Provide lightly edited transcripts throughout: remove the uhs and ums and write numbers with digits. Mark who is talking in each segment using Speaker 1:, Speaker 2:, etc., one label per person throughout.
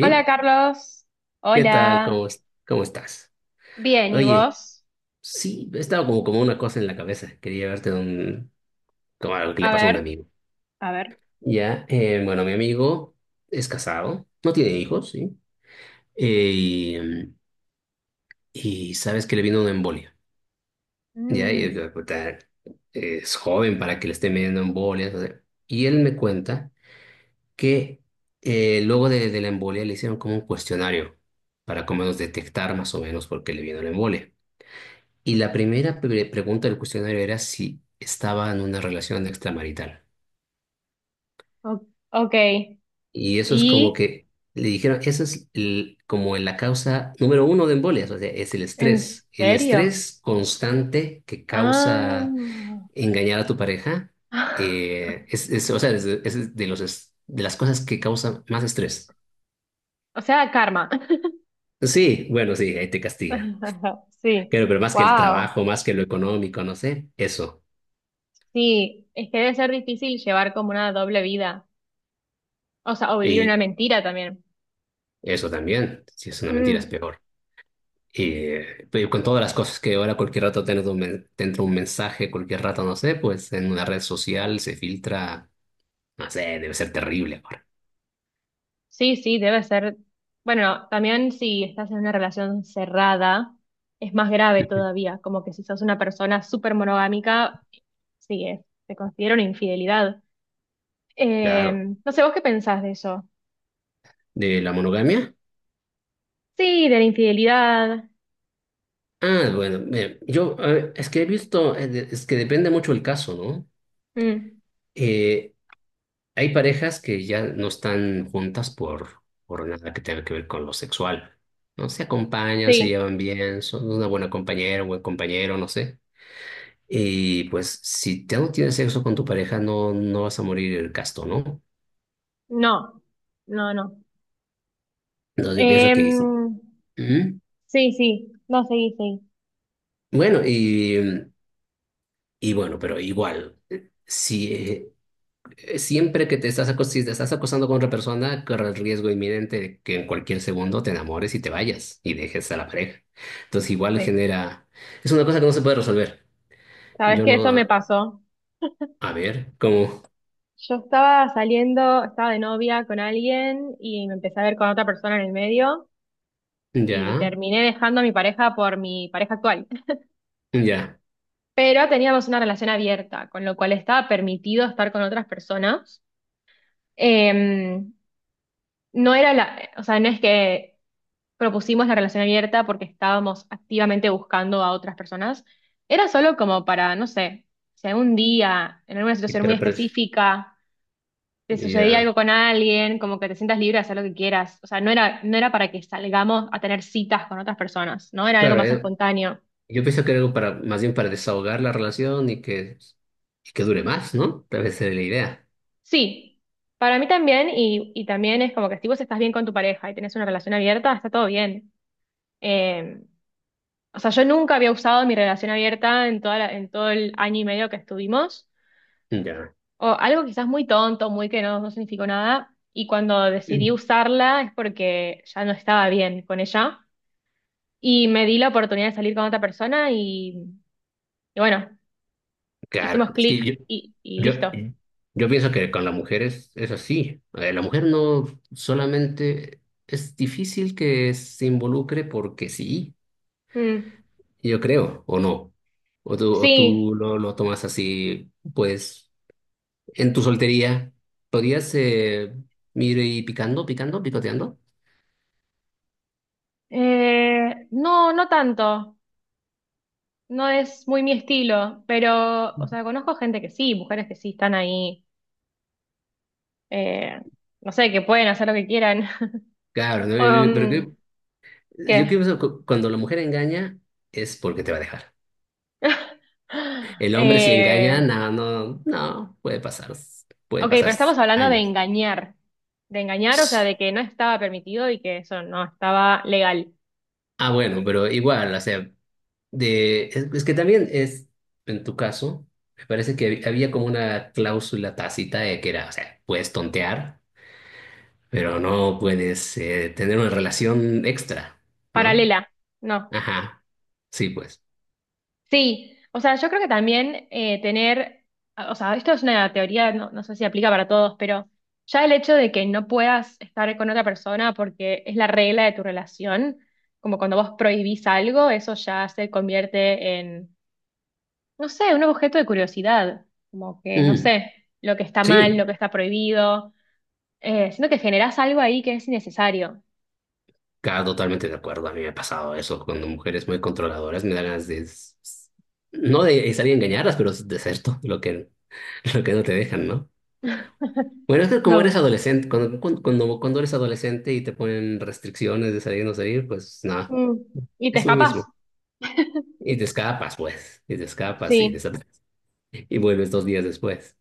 Speaker 1: Hola Carlos.
Speaker 2: ¿qué tal?
Speaker 1: Hola.
Speaker 2: ¿Cómo, cómo estás?
Speaker 1: Bien, ¿y
Speaker 2: Oye,
Speaker 1: vos?
Speaker 2: sí, estaba como, como una cosa en la cabeza. Quería verte de un, como algo que le
Speaker 1: A
Speaker 2: pasó a un
Speaker 1: ver,
Speaker 2: amigo.
Speaker 1: a ver.
Speaker 2: Ya, bueno, mi amigo es casado, no tiene hijos, ¿sí? Y y sabes que le vino una embolia. Ya,
Speaker 1: Mm,
Speaker 2: puta, es joven para que le esté midiendo embolias. O sea, y él me cuenta que luego de la embolia le hicieron como un cuestionario para como menos detectar más o menos por qué le vino la embolia. Y la primera pregunta del cuestionario era si estaba en una relación extramarital.
Speaker 1: o- ok.
Speaker 2: Y eso es como
Speaker 1: ¿Y
Speaker 2: que le dijeron, eso es como la causa número uno de embolias, o sea, es el
Speaker 1: en
Speaker 2: estrés. El
Speaker 1: serio?
Speaker 2: estrés constante que causa
Speaker 1: Ah.
Speaker 2: engañar a tu pareja, es, o sea, es de de las cosas que causan más estrés.
Speaker 1: O sea, karma.
Speaker 2: Sí, bueno, sí, ahí te castiga.
Speaker 1: Sí.
Speaker 2: Pero más que el
Speaker 1: Wow.
Speaker 2: trabajo, más que lo económico, no sé, eso.
Speaker 1: Sí, es que debe ser difícil llevar como una doble vida. O sea, o vivir una
Speaker 2: Y
Speaker 1: mentira también.
Speaker 2: eso también, si es una mentira, es
Speaker 1: Mm.
Speaker 2: peor. Pero con todas las cosas que ahora cualquier rato tienes un te entra un mensaje, cualquier rato, no sé, pues en una red social se filtra, no sé, debe ser terrible ahora.
Speaker 1: Sí, sí, debe ser. Bueno, también si estás en una relación cerrada, es más grave todavía, como que si sos una persona súper monogámica, sí, es- te considero una infidelidad. Eh,
Speaker 2: Claro.
Speaker 1: no sé, ¿vos qué pensás de eso?
Speaker 2: ¿De la monogamia?
Speaker 1: Sí, de la infidelidad.
Speaker 2: Ah, bueno, mira, yo es que he visto, es que depende mucho el caso, ¿no?
Speaker 1: Mm,
Speaker 2: Eh, Hay parejas que ya no están juntas por nada que tenga que ver con lo sexual. No se acompañan, se
Speaker 1: sí,
Speaker 2: llevan bien, son una buena compañera, un buen compañero, no sé. Y pues si te no tienes sexo con tu pareja, no, no vas a morir casto, ¿no?
Speaker 1: no, no, no.
Speaker 2: Entonces yo pienso
Speaker 1: Em,
Speaker 2: que sí. Ujú.
Speaker 1: sí, sí, no, seguí, seguí.
Speaker 2: Bueno, y bueno, pero igual, si siempre que te estás, si te estás acostando con otra persona, corre el riesgo inminente de que en cualquier segundo te enamores y te vayas y dejes a la pareja. Entonces igual
Speaker 1: Sí.
Speaker 2: genera. Es una cosa que no se puede resolver.
Speaker 1: ¿Sabes
Speaker 2: Yo
Speaker 1: qué? Eso me
Speaker 2: no.
Speaker 1: pasó.
Speaker 2: A ver, como.
Speaker 1: Yo estaba saliendo, estaba de novia con alguien y me empecé a ver con otra persona en el medio.
Speaker 2: Ya,
Speaker 1: Y terminé dejando a mi pareja por mi pareja actual.
Speaker 2: ya.
Speaker 1: Pero teníamos una relación abierta, con lo cual estaba permitido estar con otras personas. Eh, no era la, o sea, no es que propusimos la relación abierta porque estábamos activamente buscando a otras personas. Era solo como para, no sé, si algún día, en alguna
Speaker 2: Y
Speaker 1: situación muy específica, te sucedía
Speaker 2: ya.
Speaker 1: algo con alguien, como que te sientas libre de hacer lo que quieras. O sea, no era, no era para que salgamos a tener citas con otras personas, ¿no? Era algo
Speaker 2: Claro,
Speaker 1: más espontáneo.
Speaker 2: yo pienso que era algo para, más bien para desahogar la relación y que dure más, ¿no? Tal vez sería la idea.
Speaker 1: Sí, para mí también, y también es como que si vos estás bien con tu pareja y tenés una relación abierta, está todo bien. Eh, o sea, yo nunca había usado mi relación abierta en toda en todo el año y medio que estuvimos,
Speaker 2: Ya.
Speaker 1: o algo quizás muy tonto, muy que no, no significó nada, y cuando decidí usarla es porque ya no estaba bien con ella, y me di la oportunidad de salir con otra persona y bueno,
Speaker 2: Claro,
Speaker 1: hicimos
Speaker 2: es que
Speaker 1: clic y
Speaker 2: yo,
Speaker 1: listo.
Speaker 2: yo pienso que con la mujer es así. La mujer no solamente es difícil que se involucre porque sí,
Speaker 1: Mm,
Speaker 2: yo creo, o no. O
Speaker 1: sí,
Speaker 2: tú lo tomas así, pues, en tu soltería, ¿podrías ir ahí picando, picando, picoteando?
Speaker 1: No, no tanto. No es muy mi estilo, pero, o sea, conozco gente que sí, mujeres que sí están ahí, eh, no sé, que pueden hacer lo que quieran.
Speaker 2: Claro, ¿no? Pero,
Speaker 1: Um,
Speaker 2: yo
Speaker 1: ¿qué?
Speaker 2: pienso que cuando la mujer engaña es porque te va a dejar. El hombre si
Speaker 1: Eh,
Speaker 2: engaña, no, puede
Speaker 1: ok, pero
Speaker 2: pasar
Speaker 1: estamos hablando de
Speaker 2: años.
Speaker 1: engañar. De engañar, o sea, de que no estaba permitido y que eso no estaba legal.
Speaker 2: Ah, bueno, pero igual, o sea, es que también es, en tu caso, me parece que había como una cláusula tácita de que era, o sea, puedes tontear, pero no puedes tener una relación extra, ¿no?
Speaker 1: Paralela, no.
Speaker 2: Ajá, sí, pues.
Speaker 1: Sí, o sea, yo creo que también o sea, esto es una teoría, no, no sé si aplica para todos, pero ya el hecho de que no puedas estar con otra persona porque es la regla de tu relación, como cuando vos prohibís algo, eso ya se convierte en, no sé, un objeto de curiosidad, como que, no
Speaker 2: Mm,
Speaker 1: sé, lo que está mal,
Speaker 2: sí,
Speaker 1: lo que está prohibido, siento que generás algo ahí que es innecesario.
Speaker 2: claro, totalmente de acuerdo. A mí me ha pasado eso. Cuando mujeres muy controladoras me dan ganas no de salir a engañarlas, pero de ser todo lo que, lo que no te dejan, ¿no? Bueno, es que como eres
Speaker 1: No.
Speaker 2: adolescente, cuando eres adolescente y te ponen restricciones de salir o no salir, pues nada,
Speaker 1: Mm. Y te
Speaker 2: es lo
Speaker 1: escapas.
Speaker 2: mismo. Y te escapas, pues, y te escapas y vuelves dos días después.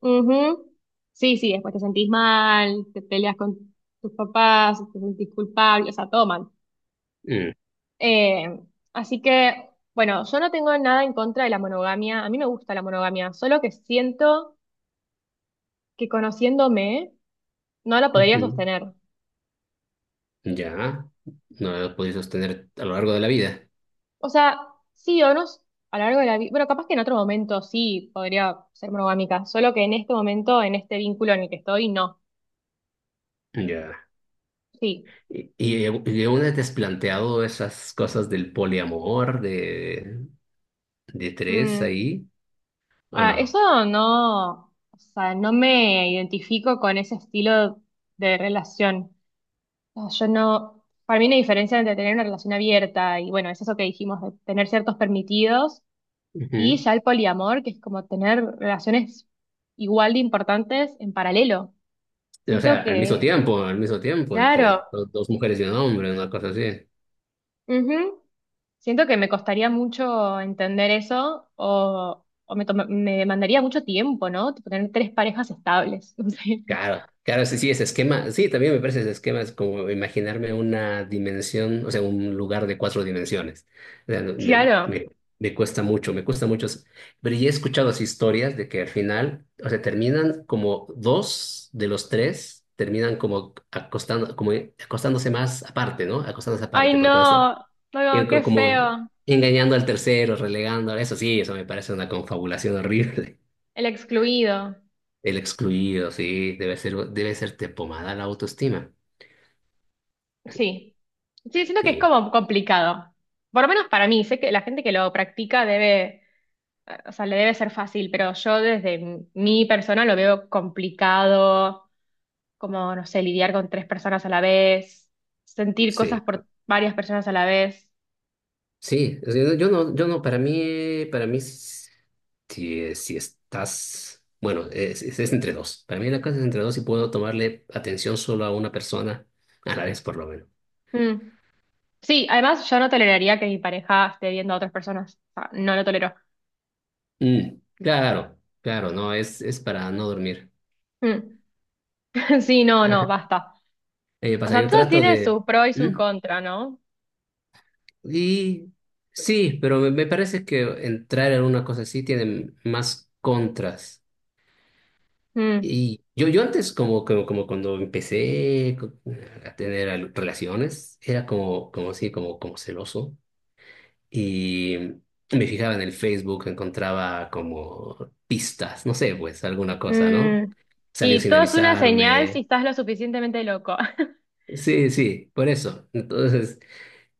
Speaker 1: Ujú. Sí, sí, después te sentís mal, te peleas con tus papás, te sentís culpable, o sea, todo mal.
Speaker 2: Mm.
Speaker 1: Eh, así que, bueno, yo no tengo nada en contra de la monogamia, a mí me gusta la monogamia, solo que siento que conociéndome no la podría
Speaker 2: Ujú.
Speaker 1: sostener.
Speaker 2: Ya, no lo he podido sostener a lo largo de la vida.
Speaker 1: O sea, sí o no, a lo largo de la vida, bueno, capaz que en otro momento sí podría ser monogámica, solo que en este momento, en este vínculo en el que estoy, no.
Speaker 2: Ya.
Speaker 1: Sí.
Speaker 2: Y, y, y aún te has planteado esas cosas del poliamor, de tres
Speaker 1: Mm,
Speaker 2: ahí, ¿o
Speaker 1: ah,
Speaker 2: no?
Speaker 1: eso no, o sea, no me identifico con ese estilo de relación. No, yo no, para mí una diferencia entre tener una relación abierta y bueno, es eso que dijimos, de tener ciertos permitidos y
Speaker 2: Ujú.
Speaker 1: ya el poliamor, que es como tener relaciones igual de importantes en paralelo.
Speaker 2: O sea,
Speaker 1: Siento que,
Speaker 2: al mismo tiempo,
Speaker 1: claro,
Speaker 2: entre dos mujeres y un hombre, una cosa así.
Speaker 1: ujú, siento que me costaría mucho entender eso o, me demandaría mucho tiempo, ¿no? Tipo, tener tres parejas estables. No sé.
Speaker 2: Claro, claro, sí, sí, ese esquema, sí, también me parece ese esquema, es como imaginarme una dimensión, o sea, un lugar de cuatro dimensiones. O sea,
Speaker 1: Claro.
Speaker 2: me cuesta mucho, me cuesta mucho. S- Pero ya he escuchado así historias de que al final, o sea, terminan como dos de los tres, terminan como acostando, como acostándose más aparte, ¿no? Acostándose
Speaker 1: Ay,
Speaker 2: aparte, porque no sé,
Speaker 1: no,
Speaker 2: y
Speaker 1: no, qué
Speaker 2: como
Speaker 1: feo.
Speaker 2: engañando al tercero, relegando, eso sí, eso me parece una confabulación horrible.
Speaker 1: El excluido.
Speaker 2: El excluido, sí, debe ser, debe serte pomada la autoestima.
Speaker 1: Sí. Sí, siento que es
Speaker 2: Sí,
Speaker 1: como complicado. Por lo menos para mí, sé que la gente que lo practica debe, o sea, le debe ser fácil, pero yo desde mi persona lo veo complicado, como, no sé, lidiar con tres personas a la vez, sentir
Speaker 2: sí,
Speaker 1: cosas por varias personas a la vez.
Speaker 2: sí. O sea, yo no, para mí, si, si estás, bueno, es entre dos. Para mí la cosa es entre dos y puedo tomarle atención solo a una persona a la vez, por lo menos.
Speaker 1: Mm. Sí, además yo no toleraría que mi pareja esté viendo a otras personas. O sea, no lo tolero.
Speaker 2: Mm, claro, claro, no, es para no dormir.
Speaker 1: Mm. Sí, no, no,
Speaker 2: Ajá.
Speaker 1: basta. O
Speaker 2: Pasa,
Speaker 1: sea,
Speaker 2: yo
Speaker 1: todo
Speaker 2: trato
Speaker 1: tiene
Speaker 2: de.
Speaker 1: su pro y su
Speaker 2: ¿Mm?
Speaker 1: contra, ¿no?
Speaker 2: Y sí, pero me parece que entrar en una cosa así tiene más contras.
Speaker 1: Mm,
Speaker 2: Y yo antes, como cuando empecé a tener relaciones, era como, como así, como, como celoso. Y me fijaba en el Facebook, encontraba como pistas, no sé, pues alguna cosa, ¿no?
Speaker 1: mm.
Speaker 2: Salió
Speaker 1: Y
Speaker 2: sin
Speaker 1: todo es una señal si
Speaker 2: avisarme.
Speaker 1: estás lo suficientemente loco.
Speaker 2: Sí, sí, por eso. Entonces,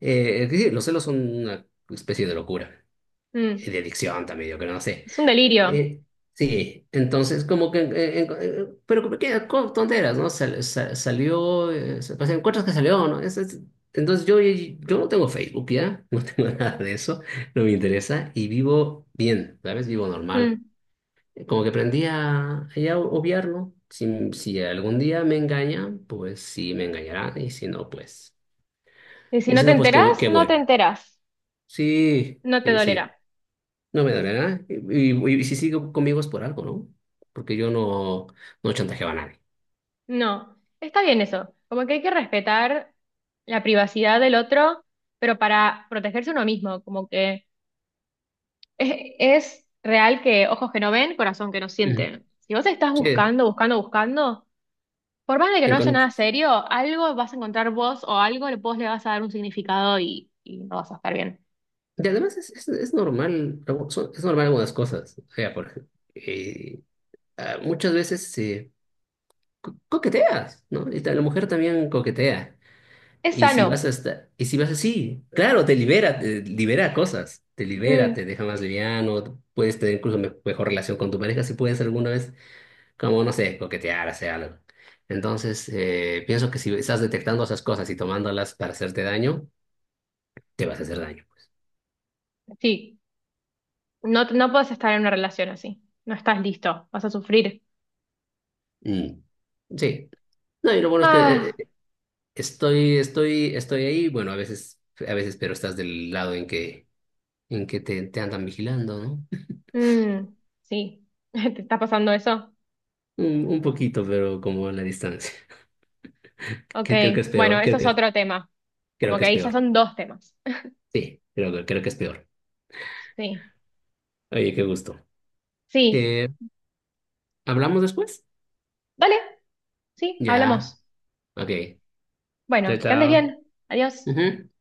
Speaker 2: sí, los celos son una especie de locura, y de
Speaker 1: Mm,
Speaker 2: adicción también, yo creo, no sé.
Speaker 1: es un delirio.
Speaker 2: Eh, sí, entonces como que, pero como que tonteras, ¿no? Salió, pues, encuentras que salió, ¿no? Entonces yo no tengo Facebook ya, no tengo nada de eso, no me interesa y vivo bien, ¿sabes? Vivo normal.
Speaker 1: Mm.
Speaker 2: Como que aprendí a ya obviarlo. Si, si algún día me engaña, pues sí me engañará y si no, pues,
Speaker 1: Y si
Speaker 2: y
Speaker 1: no
Speaker 2: si
Speaker 1: te
Speaker 2: no, pues qué,
Speaker 1: enterás,
Speaker 2: qué
Speaker 1: no te
Speaker 2: bueno.
Speaker 1: enterás.
Speaker 2: Sí,
Speaker 1: No te
Speaker 2: sí, sí.
Speaker 1: dolerá.
Speaker 2: No me dolerá. Y si sigue conmigo es por algo, ¿no? Porque yo no, no chantajeaba a nadie.
Speaker 1: No. Está bien eso. Como que hay que respetar la privacidad del otro, pero para protegerse uno mismo. Como que es, es real que ojos que no ven, corazón que no
Speaker 2: Ujú.
Speaker 1: siente. Si vos estás
Speaker 2: Sí,
Speaker 1: buscando, buscando, buscando. Por más de que no
Speaker 2: en
Speaker 1: haya
Speaker 2: con-
Speaker 1: nada serio, algo vas a encontrar vos o algo le- vos le vas a dar un significado y no vas a estar bien.
Speaker 2: y además es normal, es normal algunas cosas. O sea, por ejemplo, muchas veces se coqueteas, ¿no? Y la mujer también coquetea.
Speaker 1: Es
Speaker 2: Y si
Speaker 1: sano.
Speaker 2: vas a estar y si vas así, claro, te libera cosas, te libera,
Speaker 1: Mm,
Speaker 2: te deja más liviano, puedes tener incluso mejor relación con tu pareja si puedes alguna vez como, no sé, coquetear, hacer algo. Entonces, pienso que si estás detectando esas cosas y tomándolas para hacerte daño, te vas a hacer daño, pues.
Speaker 1: sí. No, no puedes estar en una relación así. No estás listo. Vas a sufrir.
Speaker 2: Mm, sí. No, y lo bueno es que eh,
Speaker 1: Ah,
Speaker 2: eh, estoy ahí, bueno, a veces, pero estás del lado en que te andan vigilando, ¿no?
Speaker 1: mm, sí. ¿Te está pasando eso?
Speaker 2: Un poquito, pero como a la distancia.
Speaker 1: Ok.
Speaker 2: Que creo que es
Speaker 1: Bueno,
Speaker 2: peor,
Speaker 1: eso es otro tema.
Speaker 2: creo
Speaker 1: Como
Speaker 2: que
Speaker 1: que
Speaker 2: es
Speaker 1: ahí ya
Speaker 2: peor.
Speaker 1: son dos temas.
Speaker 2: Sí, creo, creo que es peor.
Speaker 1: Sí.
Speaker 2: Oye, qué gusto.
Speaker 1: Sí.
Speaker 2: Eh, ¿Hablamos después?
Speaker 1: Vale. Sí,
Speaker 2: Ya,
Speaker 1: hablamos.
Speaker 2: ok. Chao,
Speaker 1: Bueno, que andes
Speaker 2: chao.
Speaker 1: bien. Adiós.
Speaker 2: Ujú.